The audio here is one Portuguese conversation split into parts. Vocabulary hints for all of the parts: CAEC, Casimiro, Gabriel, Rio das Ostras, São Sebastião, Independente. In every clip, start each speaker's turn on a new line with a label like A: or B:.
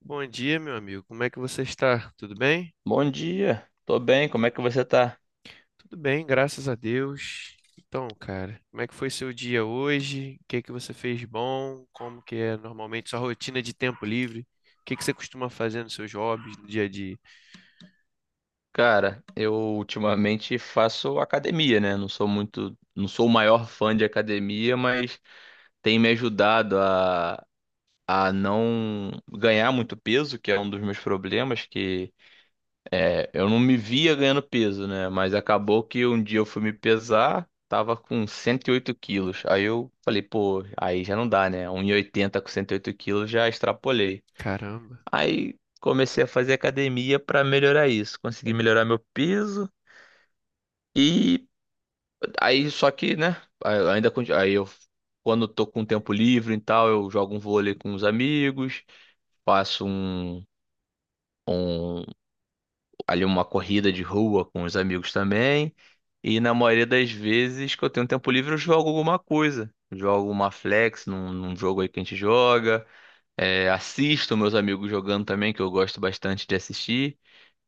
A: Bom dia, meu amigo. Como é que você está? Tudo bem?
B: Bom dia, tô bem, como é que você tá?
A: Tudo bem, graças a Deus. Então, cara, como é que foi seu dia hoje? O que é que você fez de bom? Como que é normalmente sua rotina de tempo livre? O que é que você costuma fazer nos seus hobbies, no dia a dia?
B: Cara, eu ultimamente faço academia, né? Não sou muito, não sou o maior fã de academia, mas tem me ajudado a não ganhar muito peso, que é um dos meus problemas, que é, eu não me via ganhando peso, né? Mas acabou que um dia eu fui me pesar, tava com 108 quilos. Aí eu falei, pô, aí já não dá, né? 1,80 com 108 quilos já extrapolei.
A: Caramba.
B: Aí comecei a fazer academia pra melhorar isso, consegui melhorar meu peso e aí só que, né, aí- ainda conti- aí eu quando eu tô com tempo livre e tal, eu jogo um vôlei com os amigos, faço um ali uma corrida de rua com os amigos também. E na maioria das vezes que eu tenho tempo livre, eu jogo alguma coisa. Jogo uma flex num jogo aí que a gente joga. É, assisto meus amigos jogando também, que eu gosto bastante de assistir.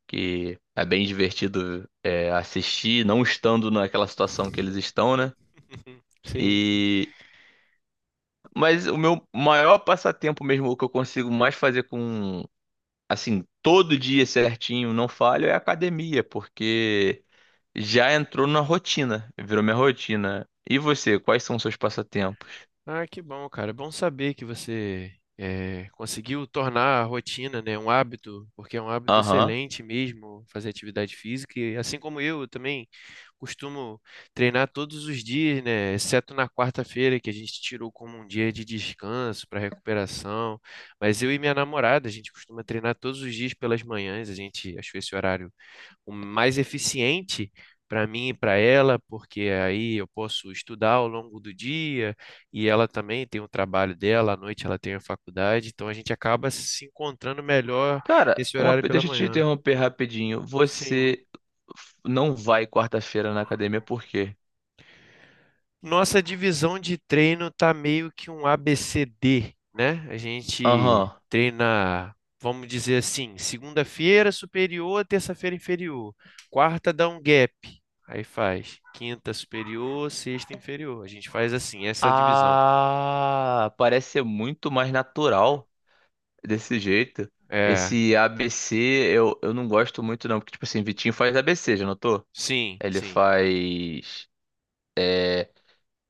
B: Que é bem divertido é, assistir, não estando naquela situação que eles estão, né?
A: Sim, sim.
B: E mas o meu maior passatempo mesmo, o que eu consigo mais fazer com assim todo dia certinho, não falho, é academia, porque já entrou na rotina, virou minha rotina. E você, quais são os seus passatempos?
A: Ah, que bom, cara. É bom saber que você conseguiu tornar a rotina, né, um hábito, porque é um hábito
B: Aham.
A: excelente mesmo fazer atividade física. E assim como eu também costumo treinar todos os dias, né, exceto na quarta-feira, que a gente tirou como um dia de descanso para recuperação. Mas eu e minha namorada, a gente costuma treinar todos os dias pelas manhãs. A gente achou esse horário o mais eficiente para mim e para ela, porque aí eu posso estudar ao longo do dia e ela também tem o trabalho dela, à noite ela tem a faculdade, então a gente acaba se encontrando melhor
B: Cara,
A: nesse horário pela
B: deixa eu te
A: manhã.
B: interromper rapidinho.
A: Sim.
B: Você não vai quarta-feira na academia por quê?
A: Nossa divisão de treino tá meio que um ABCD, né? A gente
B: Aham.
A: treina, vamos dizer assim, segunda-feira superior, terça-feira inferior. Quarta dá um gap, aí faz quinta superior, sexta inferior. A gente faz assim, essa divisão.
B: Ah, parece ser muito mais natural desse jeito.
A: É,
B: Esse ABC eu não gosto muito, não, porque, tipo assim, Vitinho faz ABC, já notou?
A: sim,
B: Ele
A: sim.
B: faz.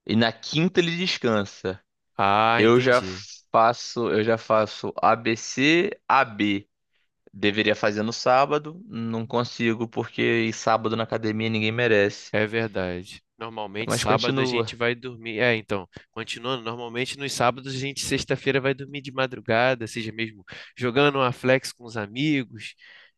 B: E na quinta ele descansa.
A: Ah,
B: Eu já
A: entendi.
B: faço, eu já faço ABC, AB. Deveria fazer no sábado, não consigo, porque sábado na academia ninguém merece.
A: É verdade. Normalmente
B: Mas
A: sábado a
B: continua.
A: gente vai dormir. É, então, continuando, normalmente nos sábados a gente sexta-feira vai dormir de madrugada, seja mesmo jogando uma flex com os amigos,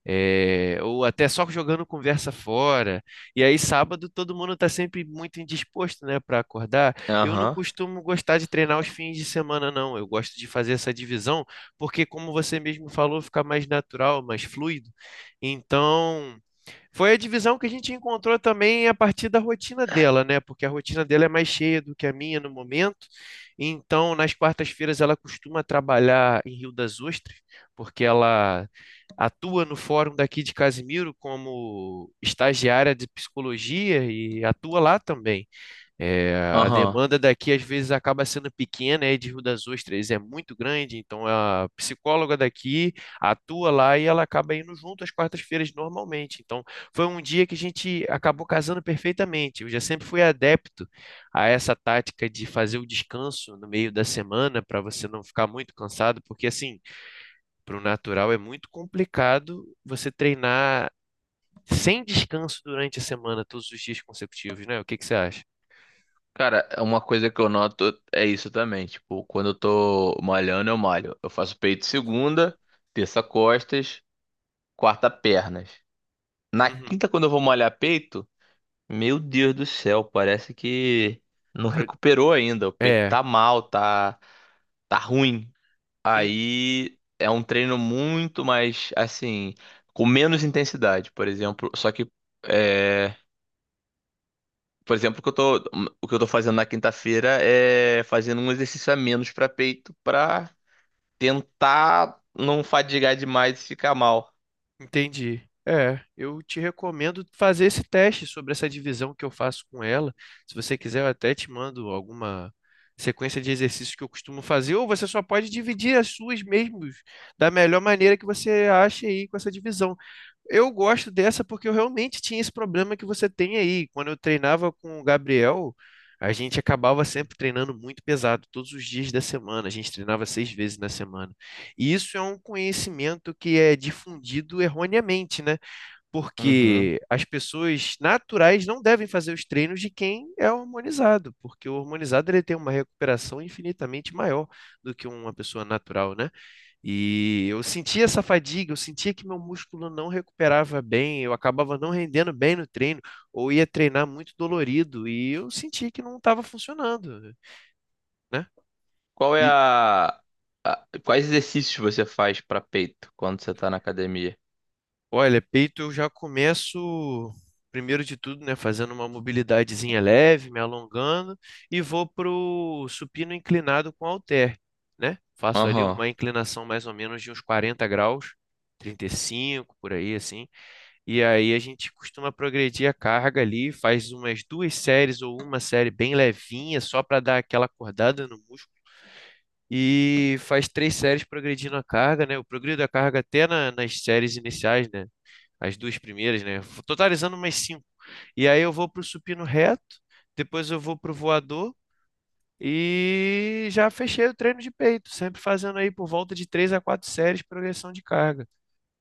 A: é, ou até só jogando conversa fora. E aí sábado todo mundo está sempre muito indisposto, né, para acordar. Eu não
B: Aham,
A: costumo gostar de treinar os fins de semana, não. Eu gosto de fazer essa divisão, porque como você mesmo falou, fica mais natural, mais fluido. Então foi a divisão que a gente encontrou também a partir da rotina dela, né? Porque a rotina dela é mais cheia do que a minha no momento. Então, nas quartas-feiras, ela costuma trabalhar em Rio das Ostras, porque ela atua no fórum daqui de Casimiro como estagiária de psicologia e atua lá também. É, a
B: aham.
A: demanda daqui às vezes acaba sendo pequena, e de Rio das Ostras é muito grande, então a psicóloga daqui atua lá e ela acaba indo junto às quartas-feiras normalmente. Então foi um dia que a gente acabou casando perfeitamente. Eu já sempre fui adepto a essa tática de fazer o descanso no meio da semana para você não ficar muito cansado, porque assim, para o natural é muito complicado você treinar sem descanso durante a semana, todos os dias consecutivos, né? O que que você acha?
B: Cara, uma coisa que eu noto é isso também. Tipo, quando eu tô malhando, eu malho. Eu faço peito segunda, terça costas, quarta pernas. Na
A: Uhum.
B: quinta, quando eu vou malhar peito, meu Deus do céu, parece que não recuperou ainda. O peito
A: É,
B: tá mal, tá, tá ruim.
A: En-
B: Aí é um treino muito mais, assim, com menos intensidade, por exemplo. Só que é, por exemplo, o que eu tô fazendo na quinta-feira é fazendo um exercício a menos pra peito pra tentar não fadigar demais e ficar mal.
A: Entendi. É, eu te recomendo fazer esse teste sobre essa divisão que eu faço com ela. Se você quiser, eu até te mando alguma sequência de exercícios que eu costumo fazer, ou você só pode dividir as suas mesmos da melhor maneira que você acha aí com essa divisão. Eu gosto dessa porque eu realmente tinha esse problema que você tem aí. Quando eu treinava com o Gabriel, a gente acabava sempre treinando muito pesado, todos os dias da semana. A gente treinava seis vezes na semana. E isso é um conhecimento que é difundido erroneamente, né?
B: Uhum.
A: Porque as pessoas naturais não devem fazer os treinos de quem é hormonizado, porque o hormonizado ele tem uma recuperação infinitamente maior do que uma pessoa natural, né? E eu sentia essa fadiga, eu sentia que meu músculo não recuperava bem, eu acabava não rendendo bem no treino, ou ia treinar muito dolorido, e eu sentia que não estava funcionando, né?
B: Qual é
A: E
B: a- Quais exercícios você faz pra peito quando você tá na academia?
A: olha, peito eu já começo, primeiro de tudo, né, fazendo uma mobilidadezinha leve, me alongando, e vou pro supino inclinado com halter, né? Faço ali
B: Aham.
A: uma inclinação mais ou menos de uns 40 graus, 35 por aí assim. E aí a gente costuma progredir a carga ali, faz umas duas séries ou uma série bem levinha, só para dar aquela acordada no músculo. E faz três séries progredindo a carga, né? Eu progrido a carga até nas séries iniciais, né? As duas primeiras, né? Totalizando umas cinco. E aí eu vou pro supino reto, depois eu vou pro voador e já fechei o treino de peito, sempre fazendo aí por volta de três a quatro séries progressão de carga,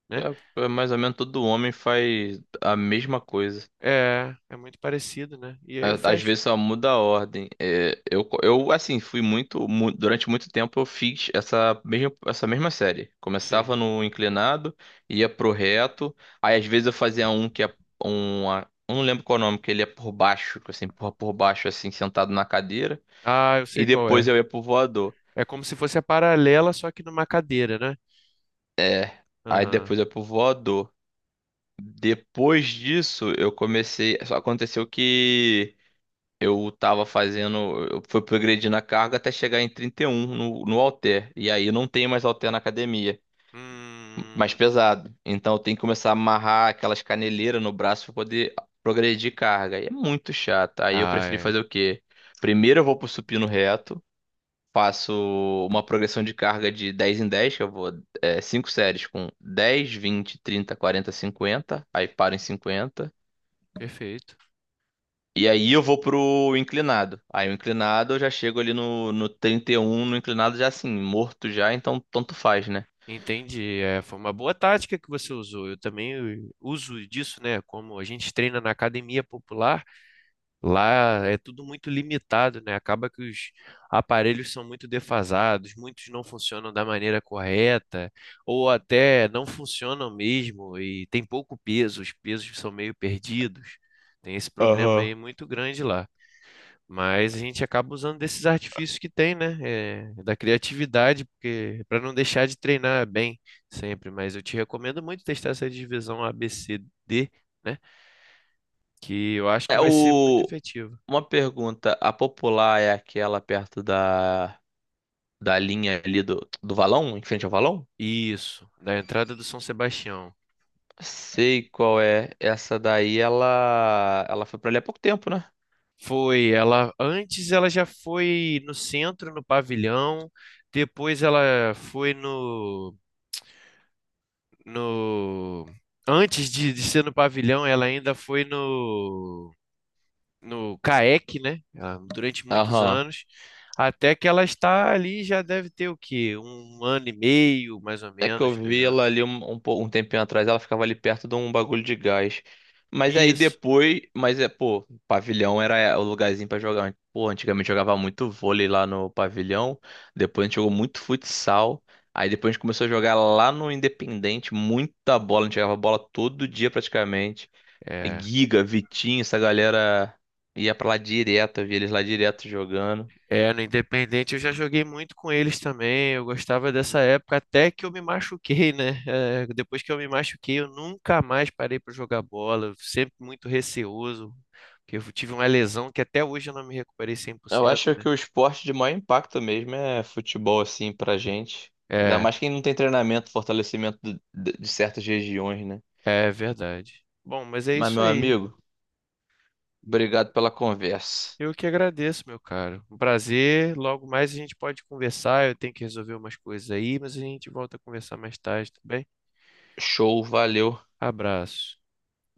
A: né?
B: É, é mais ou menos todo homem faz a mesma coisa.
A: É, é muito parecido, né? E aí eu
B: Às
A: fecho.
B: vezes só muda a ordem. É, eu, assim, durante muito tempo eu fiz essa mesma série.
A: Sim.
B: Começava no inclinado, ia pro reto. Aí às vezes eu fazia um que é eu não lembro qual é o nome, que ele é por baixo, que você empurra por baixo, assim, sentado na cadeira.
A: Ah, eu sei
B: E
A: qual
B: depois
A: é.
B: eu ia pro voador.
A: É como se fosse a paralela, só que numa cadeira, né?
B: É. Aí
A: Aham.
B: depois eu ia pro voador. Depois disso, eu comecei. Só aconteceu que. Eu tava fazendo, eu fui progredindo a carga até chegar em 31 no, halter. E aí não tem mais halter na academia, mais
A: Hum.
B: pesado. Então eu tenho que começar a amarrar aquelas caneleiras no braço para poder progredir carga. E é muito chato. Aí eu
A: Ah,
B: preferi
A: é.
B: fazer o quê? Primeiro eu vou pro supino reto, faço uma progressão de carga de 10 em 10, que eu vou 5 séries com 10, 20, 30, 40, 50, aí paro em 50.
A: Perfeito.
B: E aí eu vou pro inclinado. Aí o inclinado eu já chego ali no 31 no inclinado já assim, morto já, então tanto faz, né?
A: Entendi. É, foi uma boa tática que você usou. Eu também uso disso, né? Como a gente treina na academia popular. Lá é tudo muito limitado, né? Acaba que os aparelhos são muito defasados, muitos não funcionam da maneira correta, ou até não funcionam mesmo e tem pouco peso, os pesos são meio perdidos. Tem esse problema
B: Aham.
A: aí muito grande lá. Mas a gente acaba usando desses artifícios que tem, né? É, da criatividade, porque para não deixar de treinar bem sempre. Mas eu te recomendo muito testar essa divisão ABCD, né? Que eu acho que
B: É
A: vai ser muito
B: o...
A: efetivo.
B: Uma pergunta, a popular é aquela perto da linha ali do valão, em frente ao valão?
A: Isso, da entrada do São Sebastião.
B: Sei qual é. Essa daí, ela foi pra ali há pouco tempo, né?
A: Foi, ela antes ela já foi no centro, no pavilhão, depois ela foi no no antes de ser no pavilhão, ela ainda foi no no CAEC, né? Ela- Durante muitos
B: Aham.
A: anos, até que ela está ali já deve ter o quê? Um ano e meio, mais ou
B: É que eu
A: menos, dois
B: vi ela
A: anos.
B: ali um tempinho atrás, ela ficava ali perto de um bagulho de gás. Mas aí
A: Isso.
B: depois, mas é, pô, pavilhão era o lugarzinho pra jogar. Pô, antigamente jogava muito vôlei lá no pavilhão, depois a gente jogou muito futsal. Aí depois a gente começou a jogar lá no Independente, muita bola, a gente jogava bola todo dia praticamente.
A: É.
B: Giga, Vitinho, essa galera ia pra lá direto, eu via eles lá direto jogando.
A: É, no Independente eu já joguei muito com eles também. Eu gostava dessa época até que eu me machuquei, né? É, depois que eu me machuquei, eu nunca mais parei para jogar bola. Eu sempre muito receoso, porque eu tive uma lesão que até hoje eu não me recuperei cem por
B: Eu
A: cento,
B: acho
A: né?
B: que o esporte de maior impacto mesmo é futebol, assim, pra gente. Ainda
A: É,
B: mais quem não tem treinamento, fortalecimento de certas regiões, né?
A: é verdade. Bom, mas é
B: Mas,
A: isso
B: meu
A: aí.
B: amigo, obrigado pela conversa.
A: Eu que agradeço, meu caro. Um prazer. Logo mais a gente pode conversar. Eu tenho que resolver umas coisas aí, mas a gente volta a conversar mais tarde, tudo bem?
B: Show, valeu.
A: Abraço.